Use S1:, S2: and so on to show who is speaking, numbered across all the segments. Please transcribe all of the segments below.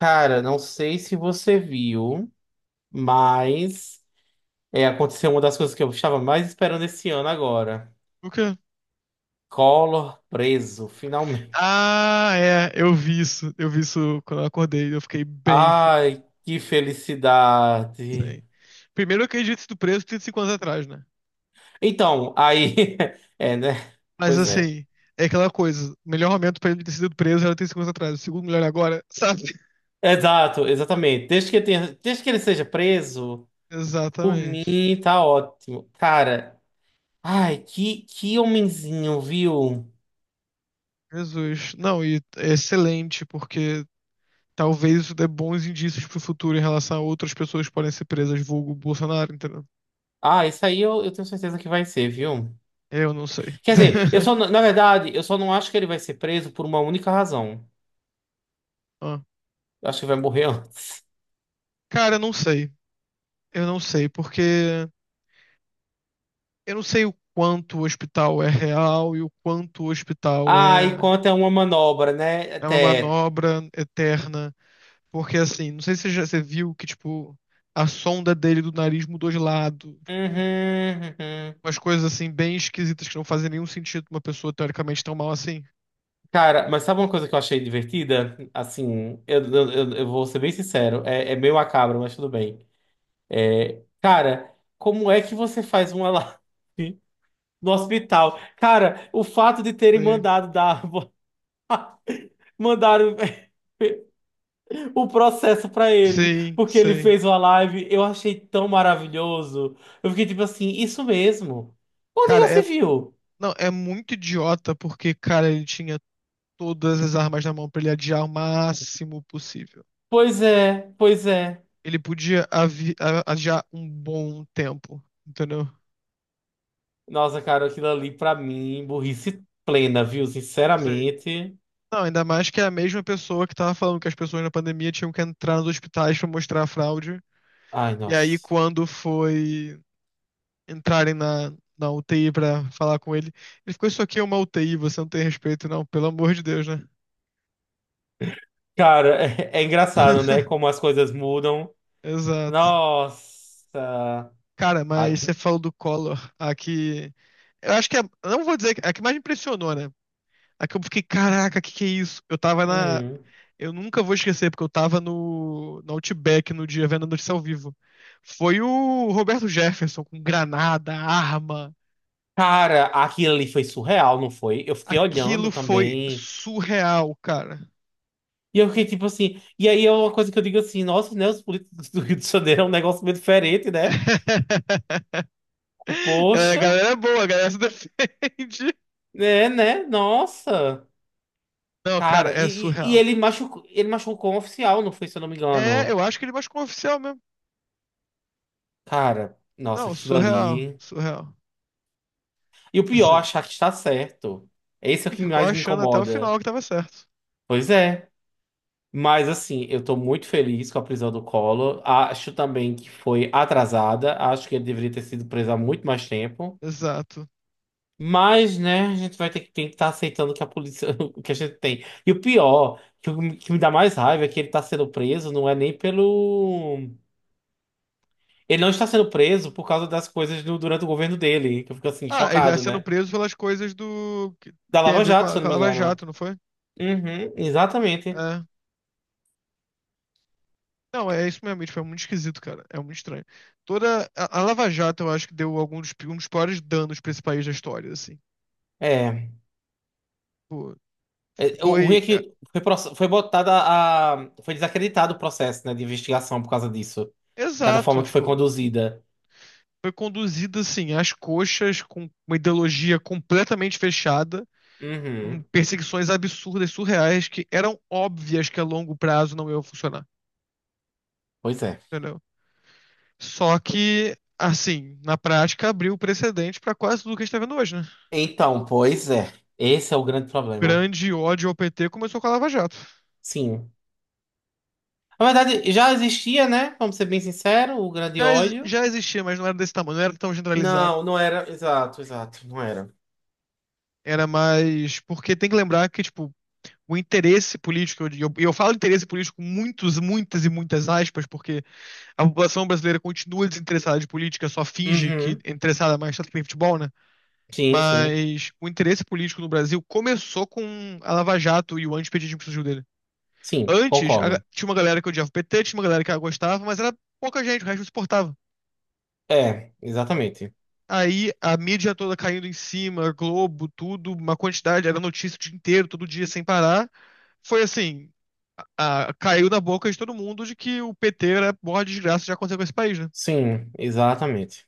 S1: Cara, não sei se você viu, mas aconteceu uma das coisas que eu estava mais esperando esse ano agora.
S2: O quê?
S1: Collor preso, finalmente.
S2: Ah, é, eu vi isso. Eu vi isso quando eu acordei. Eu fiquei bem feliz.
S1: Ai, que felicidade.
S2: Hein. Primeiro, eu acredito ter sido preso 35 anos atrás, né?
S1: Então, aí. É, né?
S2: Mas
S1: Pois é.
S2: assim, é aquela coisa. O melhor momento pra ele ter sido preso era 35 anos atrás. O segundo melhor é agora, sabe?
S1: Exato, exatamente. Desde que ele seja preso, por
S2: Exatamente.
S1: mim tá ótimo. Cara, ai, que homenzinho, viu?
S2: Jesus. Não, e é excelente, porque talvez isso dê bons indícios pro futuro em relação a outras pessoas que podem ser presas, vulgo Bolsonaro, entendeu?
S1: Ah, isso aí eu tenho certeza que vai ser, viu?
S2: Eu não sei.
S1: Quer dizer, eu só, não- na verdade, eu só não acho que ele vai ser preso por uma única razão.
S2: Ó.
S1: Eu acho que vai morrer antes.
S2: Cara, eu não sei. Eu não sei, porque. Eu não sei o quanto o hospital é real e o quanto o hospital
S1: Ah, e
S2: é,
S1: quanto é uma manobra, né?
S2: é uma
S1: Até.
S2: manobra eterna. Porque, assim, não sei se você já você viu que, tipo, a sonda dele do nariz mudou de lado.
S1: Uhum, uhum.
S2: Umas coisas, assim, bem esquisitas que não fazem nenhum sentido pra uma pessoa teoricamente tão mal assim.
S1: Cara, mas sabe uma coisa que eu achei divertida? Assim, eu vou ser bem sincero. É meio macabro, mas tudo bem. É, cara, como é que você faz uma live no hospital? Cara, o fato de terem
S2: Sim,
S1: mandado dar. Mandaram. O processo pra ele,
S2: sim,
S1: porque ele
S2: sei.
S1: fez uma live, eu achei tão maravilhoso. Eu fiquei tipo assim, isso mesmo. Onde
S2: Cara,
S1: já
S2: é,
S1: se viu?
S2: não, é muito idiota porque, cara, ele tinha todas as armas na mão pra ele adiar o máximo possível.
S1: Pois é, pois é.
S2: Ele podia adiar um bom tempo, entendeu?
S1: Nossa, cara, aquilo ali pra mim, burrice plena, viu? Sinceramente.
S2: Não, ainda mais que é a mesma pessoa que tava falando que as pessoas na pandemia tinham que entrar nos hospitais pra mostrar a fraude.
S1: Ai,
S2: E aí,
S1: nossa.
S2: quando foi entrarem na UTI pra falar com ele, ele ficou: Isso aqui é uma UTI, você não tem respeito, não, pelo amor de Deus, né?
S1: Cara, é, é engraçado, né? Como as coisas mudam.
S2: Exato.
S1: Nossa.
S2: Cara,
S1: Ai.
S2: mas você falou do Collor. Aqui. Eu acho que é. Eu Não vou dizer. A que mais me impressionou, né? A que eu fiquei: Caraca, que é isso?
S1: Uhum.
S2: Eu nunca vou esquecer, porque eu tava no Outback no dia vendo a notícia ao vivo. Foi o Roberto Jefferson com granada, arma.
S1: Cara, aquilo ali foi surreal, não foi? Eu fiquei olhando
S2: Aquilo foi
S1: também.
S2: surreal, cara.
S1: E eu fiquei tipo assim. E aí é uma coisa que eu digo assim: nossa, né? Os políticos do Rio de Janeiro é um negócio meio diferente, né?
S2: É, a
S1: Poxa,
S2: galera é boa, a galera se defende.
S1: né, né? Nossa.
S2: Não, cara,
S1: Cara,
S2: é surreal.
S1: ele machucou um oficial, não foi, se eu não me
S2: É,
S1: engano.
S2: eu acho que ele machucou um oficial mesmo.
S1: Cara, nossa,
S2: Não,
S1: aquilo
S2: surreal,
S1: ali.
S2: surreal.
S1: E o pior,
S2: Assim,
S1: achar que está certo. Esse é o
S2: e
S1: que
S2: ficou
S1: mais me
S2: achando até o
S1: incomoda.
S2: final que tava certo.
S1: Pois é. Mas assim, eu tô muito feliz com a prisão do Collor. Acho também que foi atrasada. Acho que ele deveria ter sido preso há muito mais tempo.
S2: Exato.
S1: Mas, né, a gente vai ter que tem que estar aceitando que a polícia, o que a gente tem. E o pior, o- que me dá mais raiva é que ele tá sendo preso, não é nem pelo. Ele não está sendo preso por causa das coisas do- durante o governo dele, que eu fico assim,
S2: Ah, ele tá
S1: chocado,
S2: sendo
S1: né?
S2: preso pelas coisas do que
S1: Da
S2: tem a
S1: Lava
S2: ver com
S1: Jato, se
S2: a,
S1: eu
S2: com
S1: não
S2: a
S1: me
S2: Lava
S1: engano.
S2: Jato, não foi?
S1: Uhum, exatamente.
S2: É. Não, é isso mesmo. E, tipo, é muito esquisito, cara. É muito estranho. Toda a Lava Jato, eu acho que deu algum dos, um dos piores danos pra esse país da história, assim.
S1: É.
S2: Tipo,
S1: É, o ruim é
S2: foi. É,
S1: que foi botada a. Foi desacreditado o processo, né, de investigação por causa disso. Cada
S2: exato,
S1: forma que foi
S2: tipo.
S1: conduzida.
S2: Foi conduzida, assim, às coxas, com uma ideologia completamente fechada, com
S1: Uhum.
S2: perseguições absurdas, surreais, que eram óbvias que a longo prazo não iam funcionar,
S1: Pois é.
S2: entendeu? Só que, assim, na prática abriu precedente pra quase tudo que a gente tá vendo hoje, né?
S1: Então, pois é. Esse é o grande problema.
S2: Grande ódio ao PT começou com a Lava Jato.
S1: Sim. Na verdade, já existia, né? Vamos ser bem sincero, o grande
S2: Já, exi-
S1: ódio.
S2: já existia, mas não era desse tamanho, não era tão generalizado.
S1: Não, não era. Exato, exato, não era.
S2: Era mais. Porque tem que lembrar que, tipo, o interesse político, e eu falo interesse político com muitas e muitas aspas, porque a população brasileira continua desinteressada de política, só finge que
S1: Uhum.
S2: é interessada mais tanto que tem futebol, né?
S1: Sim, sim.
S2: Mas o interesse político no Brasil começou com a Lava Jato e o antipetismo que surgiu dele.
S1: Sim,
S2: Antes,
S1: concordo.
S2: tinha uma galera que odiava o PT, tinha uma galera que gostava, mas era pouca gente, o resto não suportava.
S1: É, exatamente.
S2: Aí a mídia toda caindo em cima, Globo, tudo, uma quantidade, era notícia o dia inteiro, todo dia, sem parar. Foi assim, caiu na boca de todo mundo de que o PT era a maior desgraça que já aconteceu com esse país, né?
S1: Sim, exatamente.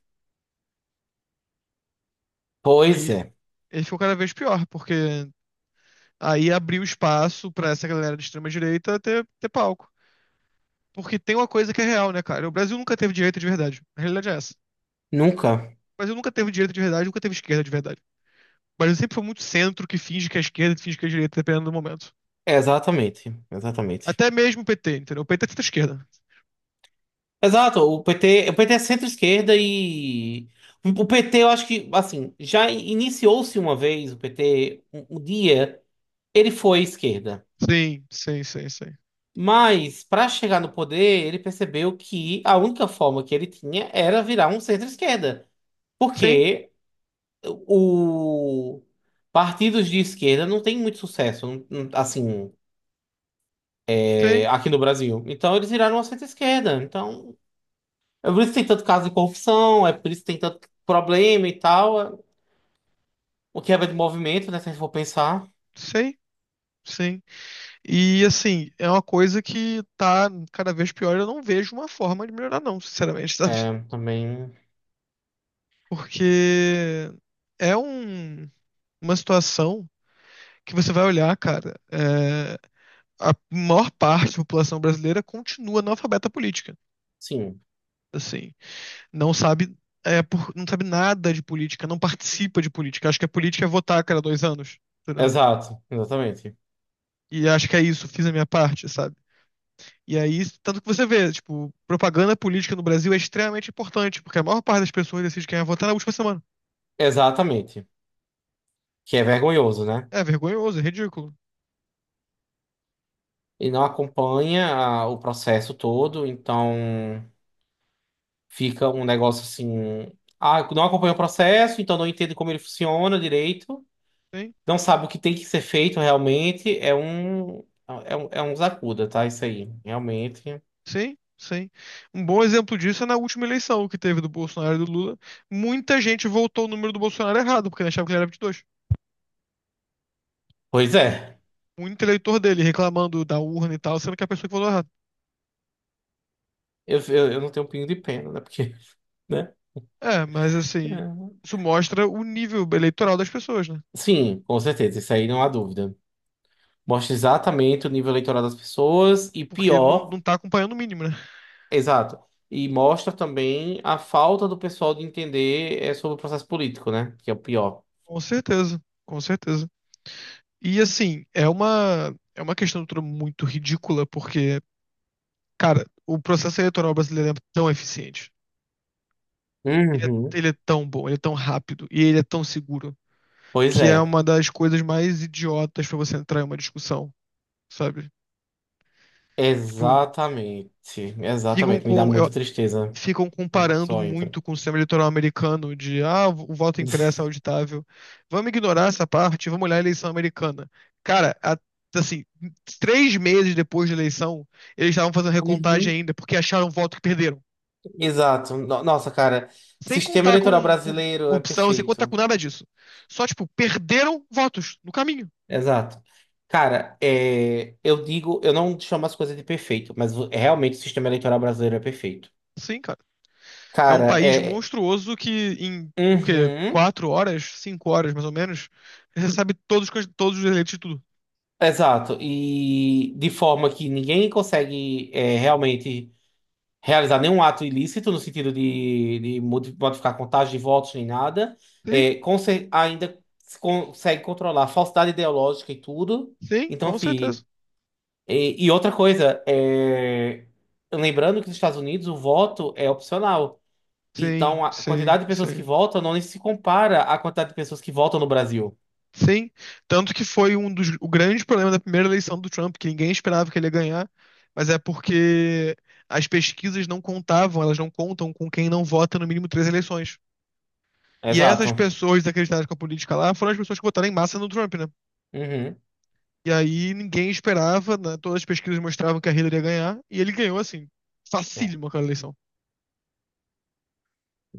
S1: Pois
S2: E
S1: é.
S2: ele ficou cada vez pior, porque aí abriu espaço pra essa galera de extrema-direita ter palco. Porque tem uma coisa que é real, né, cara? O Brasil nunca teve direita de verdade. A realidade é essa. O
S1: Nunca.
S2: Brasil nunca teve direita de verdade, nunca teve esquerda de verdade. O Brasil sempre foi muito centro que finge que é esquerda e finge que é direita, dependendo do momento.
S1: É, exatamente, exatamente.
S2: Até mesmo o PT, entendeu? O PT é centro-esquerda.
S1: Exato, o PT é centro-esquerda e o PT, eu acho que, assim, já iniciou-se uma vez o PT, um dia ele foi esquerda.
S2: Sim, sim, sim, sim.
S1: Mas, para chegar no poder, ele percebeu que a única forma que ele tinha era virar um centro-esquerda,
S2: Sim,
S1: porque o partidos de esquerda não tem muito sucesso, assim,
S2: sim,
S1: é, aqui no Brasil. Então, eles viraram uma centro-esquerda. Então, é por isso que tem tanto caso de corrupção, é por isso que tem tanto problema e tal. É- O que é de movimento, né? Se a gente for pensar,
S2: sim, sim. E assim, é uma coisa que tá cada vez pior. Eu não vejo uma forma de melhorar, não, sinceramente, sabe?
S1: é também.
S2: Porque é uma situação que você vai olhar, cara, é, a maior parte da população brasileira continua analfabeta política.
S1: Sim,
S2: Assim, não sabe, é, não sabe nada de política, não participa de política. Acho que a política é votar a cada 2 anos, entendeu?
S1: exato, exatamente.
S2: E acho que é isso, fiz a minha parte, sabe? E aí, tanto que você vê, tipo, propaganda política no Brasil é extremamente importante, porque a maior parte das pessoas decide quem vai votar na última semana.
S1: Exatamente. Que é vergonhoso, né?
S2: É vergonhoso, é ridículo.
S1: Ele não acompanha a- o processo todo, então fica um negócio assim. Ah, não acompanha o processo, então não entende como ele funciona direito,
S2: Sim,
S1: não sabe o que tem que ser feito realmente. É um zacuda, tá? Isso aí, realmente.
S2: sim, sim. Um bom exemplo disso é na última eleição que teve do Bolsonaro e do Lula. Muita gente votou o número do Bolsonaro errado, porque achava que ele era 22.
S1: Pois é,
S2: Muito eleitor dele reclamando da urna e tal, sendo que é a pessoa que votou errado.
S1: eu não tenho um pingo de pena, né? Porque, né?
S2: É, mas assim,
S1: É.
S2: isso mostra o nível eleitoral das pessoas, né?
S1: Sim, com certeza, isso aí não há dúvida. Mostra exatamente o nível eleitoral das pessoas e
S2: Porque não,
S1: pior.
S2: não tá acompanhando o mínimo, né?
S1: Exato. E mostra também a falta do pessoal de entender é, sobre o processo político, né? Que é o pior.
S2: Com certeza, com certeza. E assim, é uma questão toda muito ridícula, porque, cara, o processo eleitoral brasileiro é tão eficiente. Ele é,
S1: Uhum.
S2: ele é tão bom, ele é tão rápido e ele é tão seguro,
S1: Pois
S2: que é
S1: é.
S2: uma das coisas mais idiotas pra você entrar em uma discussão, sabe? Tipo,
S1: Exatamente.
S2: ficam
S1: Exatamente. Me dá
S2: com.
S1: muita tristeza
S2: ficam
S1: quando o
S2: comparando
S1: pessoal entra.
S2: muito com o sistema eleitoral americano de o voto impresso é auditável. Vamos ignorar essa parte, vamos olhar a eleição americana. Cara, assim, 3 meses depois da eleição, eles estavam fazendo recontagem
S1: Uhum.
S2: ainda porque acharam o voto que perderam.
S1: Exato. No- Nossa, cara,
S2: Sem
S1: sistema
S2: contar
S1: eleitoral
S2: com
S1: brasileiro é
S2: corrupção, sem contar com
S1: perfeito.
S2: nada disso. Só, tipo, perderam votos no caminho.
S1: Exato. Cara, é, eu digo, eu não chamo as coisas de perfeito, mas o- realmente o sistema eleitoral brasileiro é perfeito.
S2: Sim, cara. É um
S1: Cara,
S2: país
S1: é.
S2: monstruoso que em, o quê?
S1: Uhum.
S2: 4 horas, 5 horas, mais ou menos, recebe todos, todos os eleitos de tudo.
S1: Exato, e de forma que ninguém consegue é, realmente realizar nenhum ato ilícito no sentido de modi- modificar contagem de votos nem nada,
S2: Sim.
S1: é, conse- ainda se consegue controlar a falsidade ideológica e tudo.
S2: Sim,
S1: Então,
S2: com
S1: assim,
S2: certeza.
S1: e outra coisa, é, lembrando que nos Estados Unidos o voto é opcional, então
S2: Sim,
S1: a
S2: sim,
S1: quantidade de pessoas que
S2: sim.
S1: votam não se compara à quantidade de pessoas que votam no Brasil.
S2: Sim. Tanto que foi um dos o grande problema da primeira eleição do Trump, que ninguém esperava que ele ia ganhar, mas é porque as pesquisas não contavam, elas não contam com quem não vota no mínimo três eleições. E essas
S1: Exato.
S2: pessoas desacreditadas com a política lá foram as pessoas que votaram em massa no Trump, né?
S1: Uhum.
S2: E aí ninguém esperava, né? Todas as pesquisas mostravam que a Hillary ia ganhar, e ele ganhou assim, facílimo aquela eleição.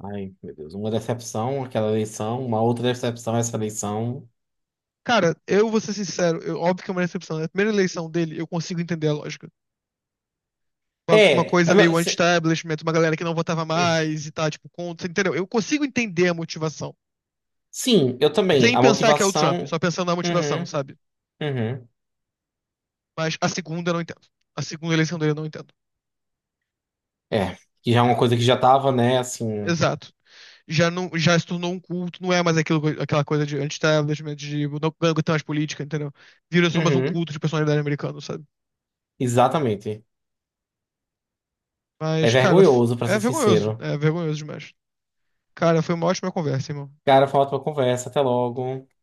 S1: Ai, meu Deus. Uma decepção, aquela eleição. Uma outra decepção, essa eleição.
S2: Cara, eu vou ser sincero, óbvio que é uma decepção. Na primeira eleição dele, eu consigo entender a lógica. Uma coisa meio
S1: Mas,
S2: anti-establishment, uma galera que não votava mais e tá, tipo, contra, entendeu? Eu consigo entender a motivação,
S1: sim, eu também.
S2: sem
S1: A
S2: pensar que é o Trump,
S1: motivação.
S2: só pensando na motivação,
S1: Uhum,
S2: sabe?
S1: uhum.
S2: Mas a segunda eu não entendo. A segunda eleição dele eu não entendo.
S1: É, que já é uma coisa que já tava, né, assim.
S2: Exato. Já, não, já se tornou um culto, não é mais aquilo, aquela coisa de anti-establishment, de não não aguentar mais política, entendeu? Vira só mais um
S1: Uhum,
S2: culto de personalidade americana, sabe?
S1: exatamente. É
S2: Mas, cara,
S1: vergonhoso, pra
S2: é
S1: ser
S2: vergonhoso.
S1: sincero.
S2: É vergonhoso demais. Cara, foi uma ótima conversa, irmão.
S1: Cara, foi uma ótima conversa. Até logo.